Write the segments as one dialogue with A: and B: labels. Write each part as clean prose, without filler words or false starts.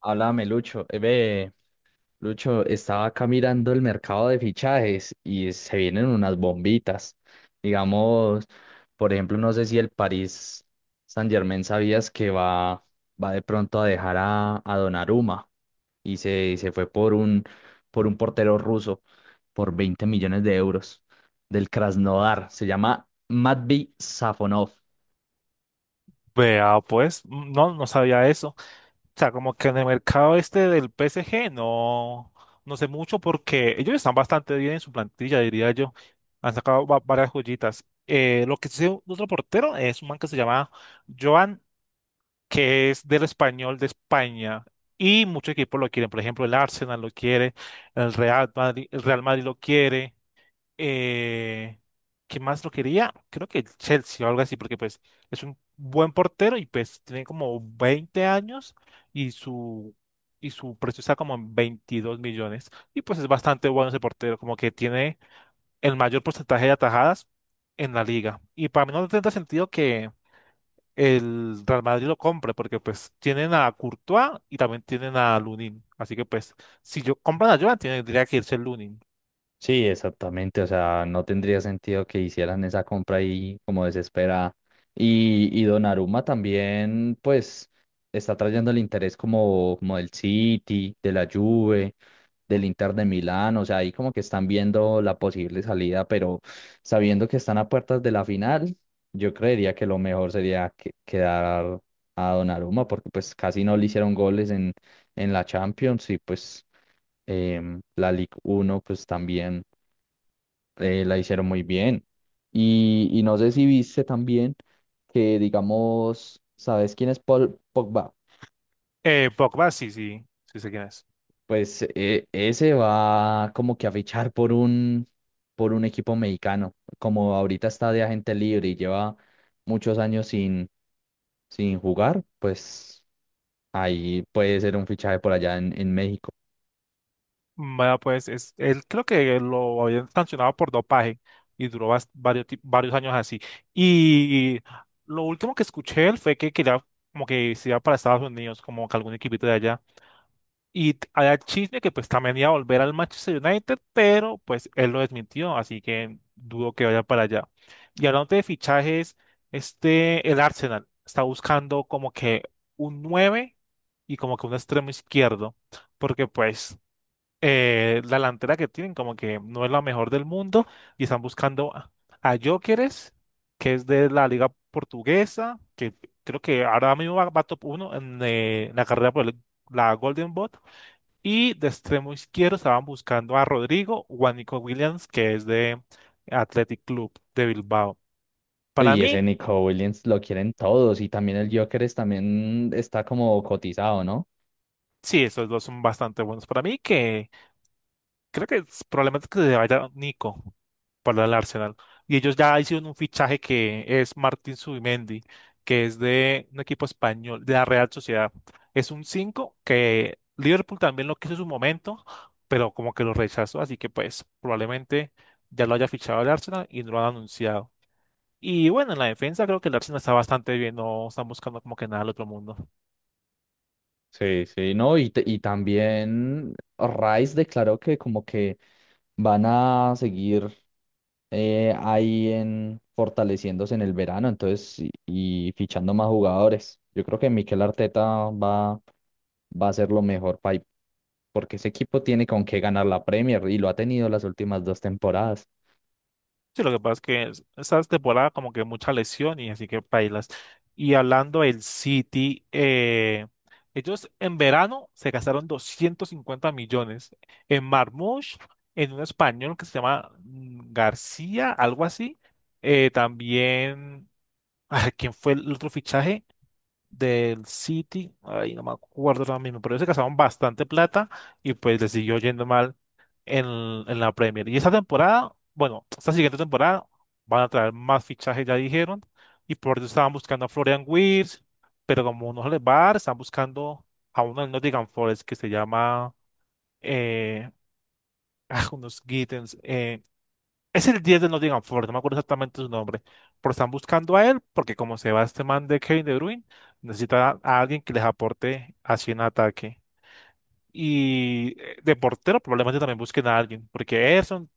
A: Háblame, Lucho. Lucho, estaba acá mirando el mercado de fichajes y se vienen unas bombitas. Digamos, por ejemplo, no sé si el París Saint-Germain sabías que va de pronto a dejar a Donnarumma y se fue por por un portero ruso por 20 millones de euros del Krasnodar. Se llama Matvey Safonov.
B: Vea, pues, no, sabía eso. O sea, como que en el mercado este del PSG no sé mucho porque ellos están bastante bien en su plantilla, diría yo. Han sacado varias joyitas. Lo que sí, otro portero es un man que se llama Joan, que es del Español de España. Y muchos equipos lo quieren. Por ejemplo, el Arsenal lo quiere, el Real Madrid lo quiere. Eh, ¿Qué más lo quería? Creo que el Chelsea o algo así, porque pues es un buen portero y pues tiene como 20 años y su, y su precio está como en 22 millones. Y pues es bastante bueno ese portero, como que tiene el mayor porcentaje de atajadas en la liga. Y para mí no tendrá sentido que el Real Madrid lo compre, porque pues tienen a Courtois y también tienen a Lunin. Así que pues si yo compran a Joan, tendría que irse el Lunin.
A: Sí, exactamente. O sea, no tendría sentido que hicieran esa compra ahí como desesperada. Y Donnarumma también, pues, está trayendo el interés como, como del City, de la Juve, del Inter de Milán. O sea, ahí como que están viendo la posible salida, pero sabiendo que están a puertas de la final, yo creería que lo mejor sería quedar a Donnarumma, porque pues casi no le hicieron goles en la Champions y pues la Ligue uno pues también la hicieron muy bien. Y no sé si viste también que, digamos, ¿sabes quién es Paul Pogba?
B: Pogba, sí, sí, sí sé quién es.
A: Pues ese va como que a fichar por por un equipo mexicano. Como ahorita está de agente libre y lleva muchos años sin jugar, pues ahí puede ser un fichaje por allá en México.
B: Vaya, pues es, él creo que lo habían sancionado por dopaje y duró varios años así. Y lo último que escuché de él fue que quería como que se iba para Estados Unidos, como que algún equipito de allá. Y había chisme que pues también iba a volver al Manchester United, pero pues él lo desmintió, así que dudo que vaya para allá. Y hablando de fichajes, este, el Arsenal está buscando como que un 9 y como que un extremo izquierdo, porque pues la delantera que tienen como que no es la mejor del mundo y están a Gyökeres, que es de la liga portuguesa, que creo que ahora mismo va top uno en, la carrera por la Golden Boot. Y de extremo izquierdo estaban buscando a Rodrigo o a Nico Williams, que es de Athletic Club de Bilbao. Para
A: Y ese
B: mí,
A: Nico Williams lo quieren todos y también el Joker también está como cotizado, ¿no?
B: sí, esos dos son bastante buenos. Para mí que creo que probablemente que se vaya Nico para el Arsenal. Y ellos ya hicieron un fichaje que es Martín Zubimendi, que es de un equipo español, de la Real Sociedad. Es un 5 que Liverpool también lo quiso en su momento, pero como que lo rechazó. Así que pues probablemente ya lo haya fichado el Arsenal y no lo han anunciado. Y bueno, en la defensa creo que el Arsenal está bastante bien, no están buscando como que nada al otro mundo.
A: Sí, sí, no, y también Rice declaró que como que van a seguir ahí en fortaleciéndose en el verano, entonces, y fichando más jugadores. Yo creo que Mikel Arteta va, va a hacer lo mejor porque ese equipo tiene con qué ganar la Premier y lo ha tenido las últimas dos temporadas.
B: Sí, lo que pasa es que esta temporada como que mucha lesión y así que bailas. Y hablando del City, ellos en verano se gastaron 250 millones en Marmoush, en un español que se llama García, algo así. También, ay, ¿quién fue el otro fichaje del City? Ay, no me acuerdo ahora mismo, pero ellos se gastaron bastante plata y pues les siguió yendo mal en la Premier. Y esta temporada, bueno, esta siguiente temporada van a traer más fichajes, ya dijeron, y por eso estaban buscando a Florian Wirtz, pero como no se les va a dar, están buscando a uno del Nottingham Forest que se llama, eh, ah, unos Gittens, es el 10 del Nottingham Forest, no me acuerdo exactamente su nombre, pero están buscando a él porque como se va este man de Kevin De Bruyne, necesita a alguien que les aporte así en ataque. Y de portero probablemente también busquen a alguien, porque Ederson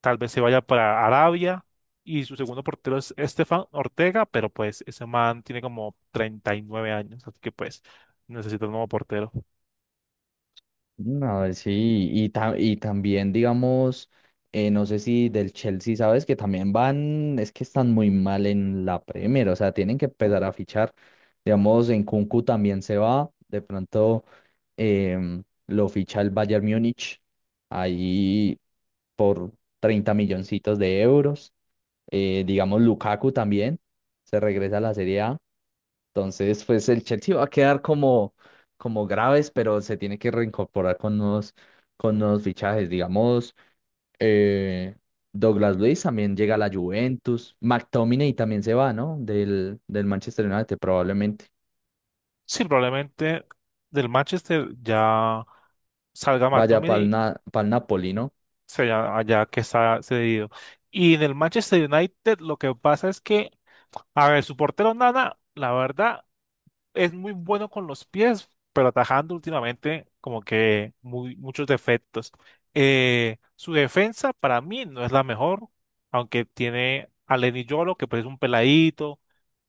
B: tal vez se vaya para Arabia. Y su segundo portero es Estefan Ortega, pero pues ese man tiene como 39 años, así que pues necesita un nuevo portero.
A: No, sí, y también, digamos, no sé si del Chelsea, sabes que también van, es que están muy mal en la Premier, o sea, tienen que empezar a fichar, digamos, en Kunku también se va, de pronto lo ficha el Bayern Múnich, ahí por 30 milloncitos de euros, digamos, Lukaku también, se regresa a la Serie A, entonces, pues el Chelsea va a quedar como, como graves, pero se tiene que reincorporar con nuevos fichajes. Digamos, eh, Douglas Luiz también llega a la Juventus. McTominay también se va, ¿no? Del Manchester United probablemente.
B: Sí, probablemente del Manchester ya salga
A: Vaya para
B: McTominay,
A: el Napoli, ¿no?
B: sea allá que está cedido. Y en el Manchester United lo que pasa es que, a ver, su portero Nana, la verdad, es muy bueno con los pies, pero atajando últimamente como que muchos defectos. Su defensa para mí no es la mejor, aunque tiene a Lenny Yolo, que pues es un peladito,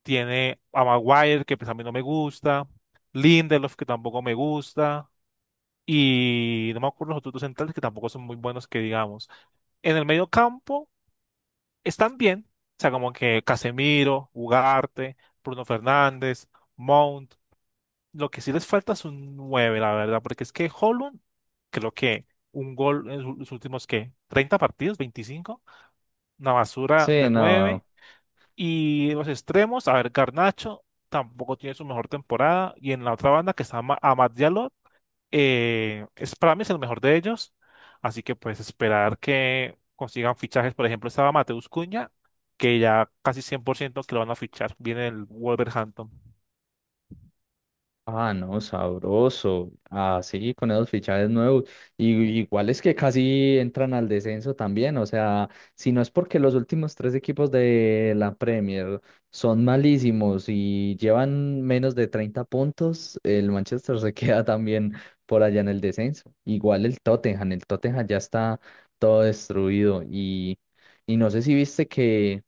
B: tiene a Maguire, que pues a mí no me gusta, Lindelof, que tampoco me gusta, y no me acuerdo los otros dos centrales, que tampoco son muy buenos, que digamos. En el medio campo están bien, o sea, como que Casemiro, Ugarte, Bruno Fernández, Mount. Lo que sí les falta es un 9 la verdad, porque es que Holland, creo que un gol en los últimos, ¿qué? ¿30 partidos? 25. Una basura
A: Sí,
B: de nueve.
A: no.
B: Y los extremos, a ver, Garnacho tampoco tiene su mejor temporada. Y en la otra banda que está Amad Diallo, es para mí es el mejor de ellos. Así que pues esperar que consigan fichajes. Por ejemplo, estaba Mateus Cunha, que ya casi 100% que lo van a fichar. Viene el Wolverhampton.
A: Ah, no, sabroso. Ah, sí, con esos fichajes nuevos. Y iguales que casi entran al descenso también. O sea, si no es porque los últimos tres equipos de la Premier son malísimos y llevan menos de 30 puntos, el Manchester se queda también por allá en el descenso. Igual el Tottenham ya está todo destruido. Y no sé si viste que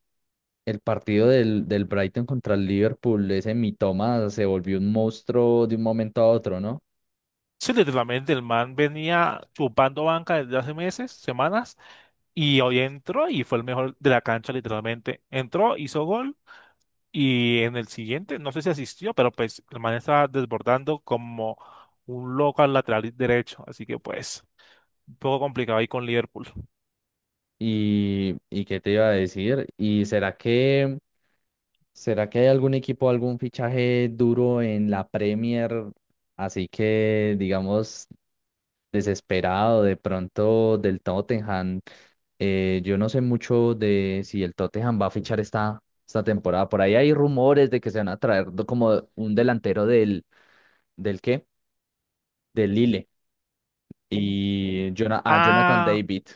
A: el partido del Brighton contra el Liverpool, ese Mitoma se volvió un monstruo de un momento a otro, ¿no?
B: Sí, literalmente el man venía chupando banca desde hace meses, semanas, y hoy entró y fue el mejor de la cancha, literalmente. Entró, hizo gol y en el siguiente, no sé si asistió, pero pues el man estaba desbordando como un loco al lateral derecho, así que pues un poco complicado ahí con Liverpool.
A: ¿Y qué te iba a decir? ¿Y será que hay algún equipo, algún fichaje duro en la Premier, así que, digamos, desesperado de pronto del Tottenham? Yo no sé mucho de si el Tottenham va a fichar esta, esta temporada. Por ahí hay rumores de que se van a traer como un delantero del, ¿del qué? Del Lille
B: Mm.
A: y a Jonathan
B: Ah.
A: David,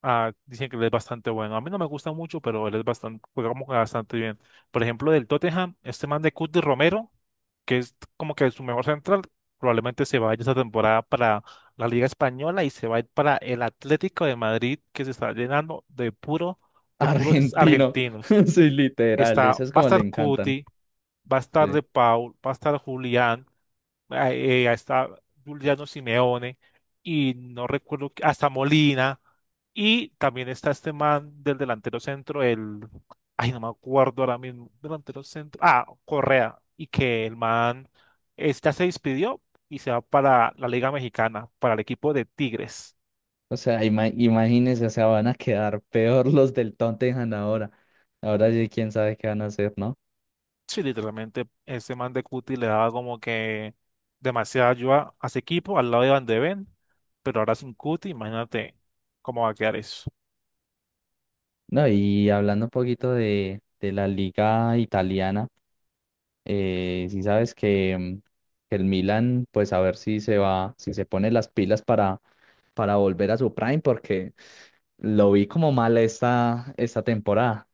B: Ah, dicen que él es bastante bueno. A mí no me gusta mucho, pero él es bastante, juega bastante bien. Por ejemplo, del Tottenham, este man de Cuti Romero, que es como que su mejor central, probablemente se vaya esta temporada para la Liga Española y se va a ir para el Atlético de Madrid, que se está llenando de puro, de puros
A: argentino.
B: argentinos.
A: Sí, literal,
B: Está,
A: esas
B: va a
A: como le
B: estar
A: encantan.
B: Cuti, va a estar
A: Sí.
B: De Paul, va a estar Julián hasta Juliano Simeone y no recuerdo, hasta Molina y también está este man del delantero centro, el, ay, no me acuerdo ahora mismo, delantero centro, ah, Correa, y que el man está se despidió y se va para la Liga Mexicana, para el equipo de Tigres.
A: O sea, imagínense, o sea, van a quedar peor los del Tottenham ahora. Ahora sí, quién sabe qué van a hacer, ¿no?
B: Sí, literalmente ese man de Cuti le daba como que demasiada ayuda a ese equipo al lado de Van de Ven, pero ahora sin Cuti, imagínate cómo va a quedar eso.
A: No, y hablando un poquito de la liga italiana, sí sabes que, que el Milan, pues a ver si se va, si se pone las pilas para volver a su prime, porque lo vi como mal esta, esta temporada.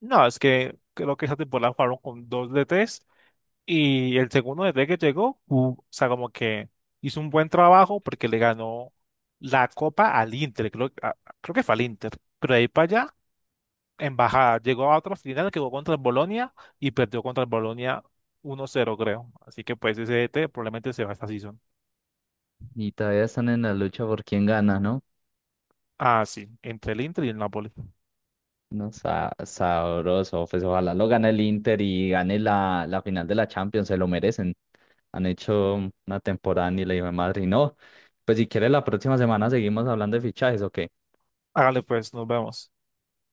B: No, es que creo que esa temporada jugaron con dos DTs y el segundo DT que llegó, o sea, como que hizo un buen trabajo porque le ganó la copa al Inter, creo, creo que fue al Inter, pero de ahí para allá, en bajada, llegó a otra final que jugó contra el Bolonia y perdió contra el Bolonia 1-0, creo. Así que pues ese DT probablemente se va esta season.
A: Y todavía están en la lucha por quién gana, ¿no?
B: Ah, sí, entre el Inter y el Napoli.
A: No, sabroso. Pues ojalá lo gane el Inter y gane la, la final de la Champions, se lo merecen. Han hecho una temporada ni la hijo de madre. Y no, pues si quiere la próxima semana seguimos hablando de fichajes, ¿ok?
B: Hágale pues, nos vemos.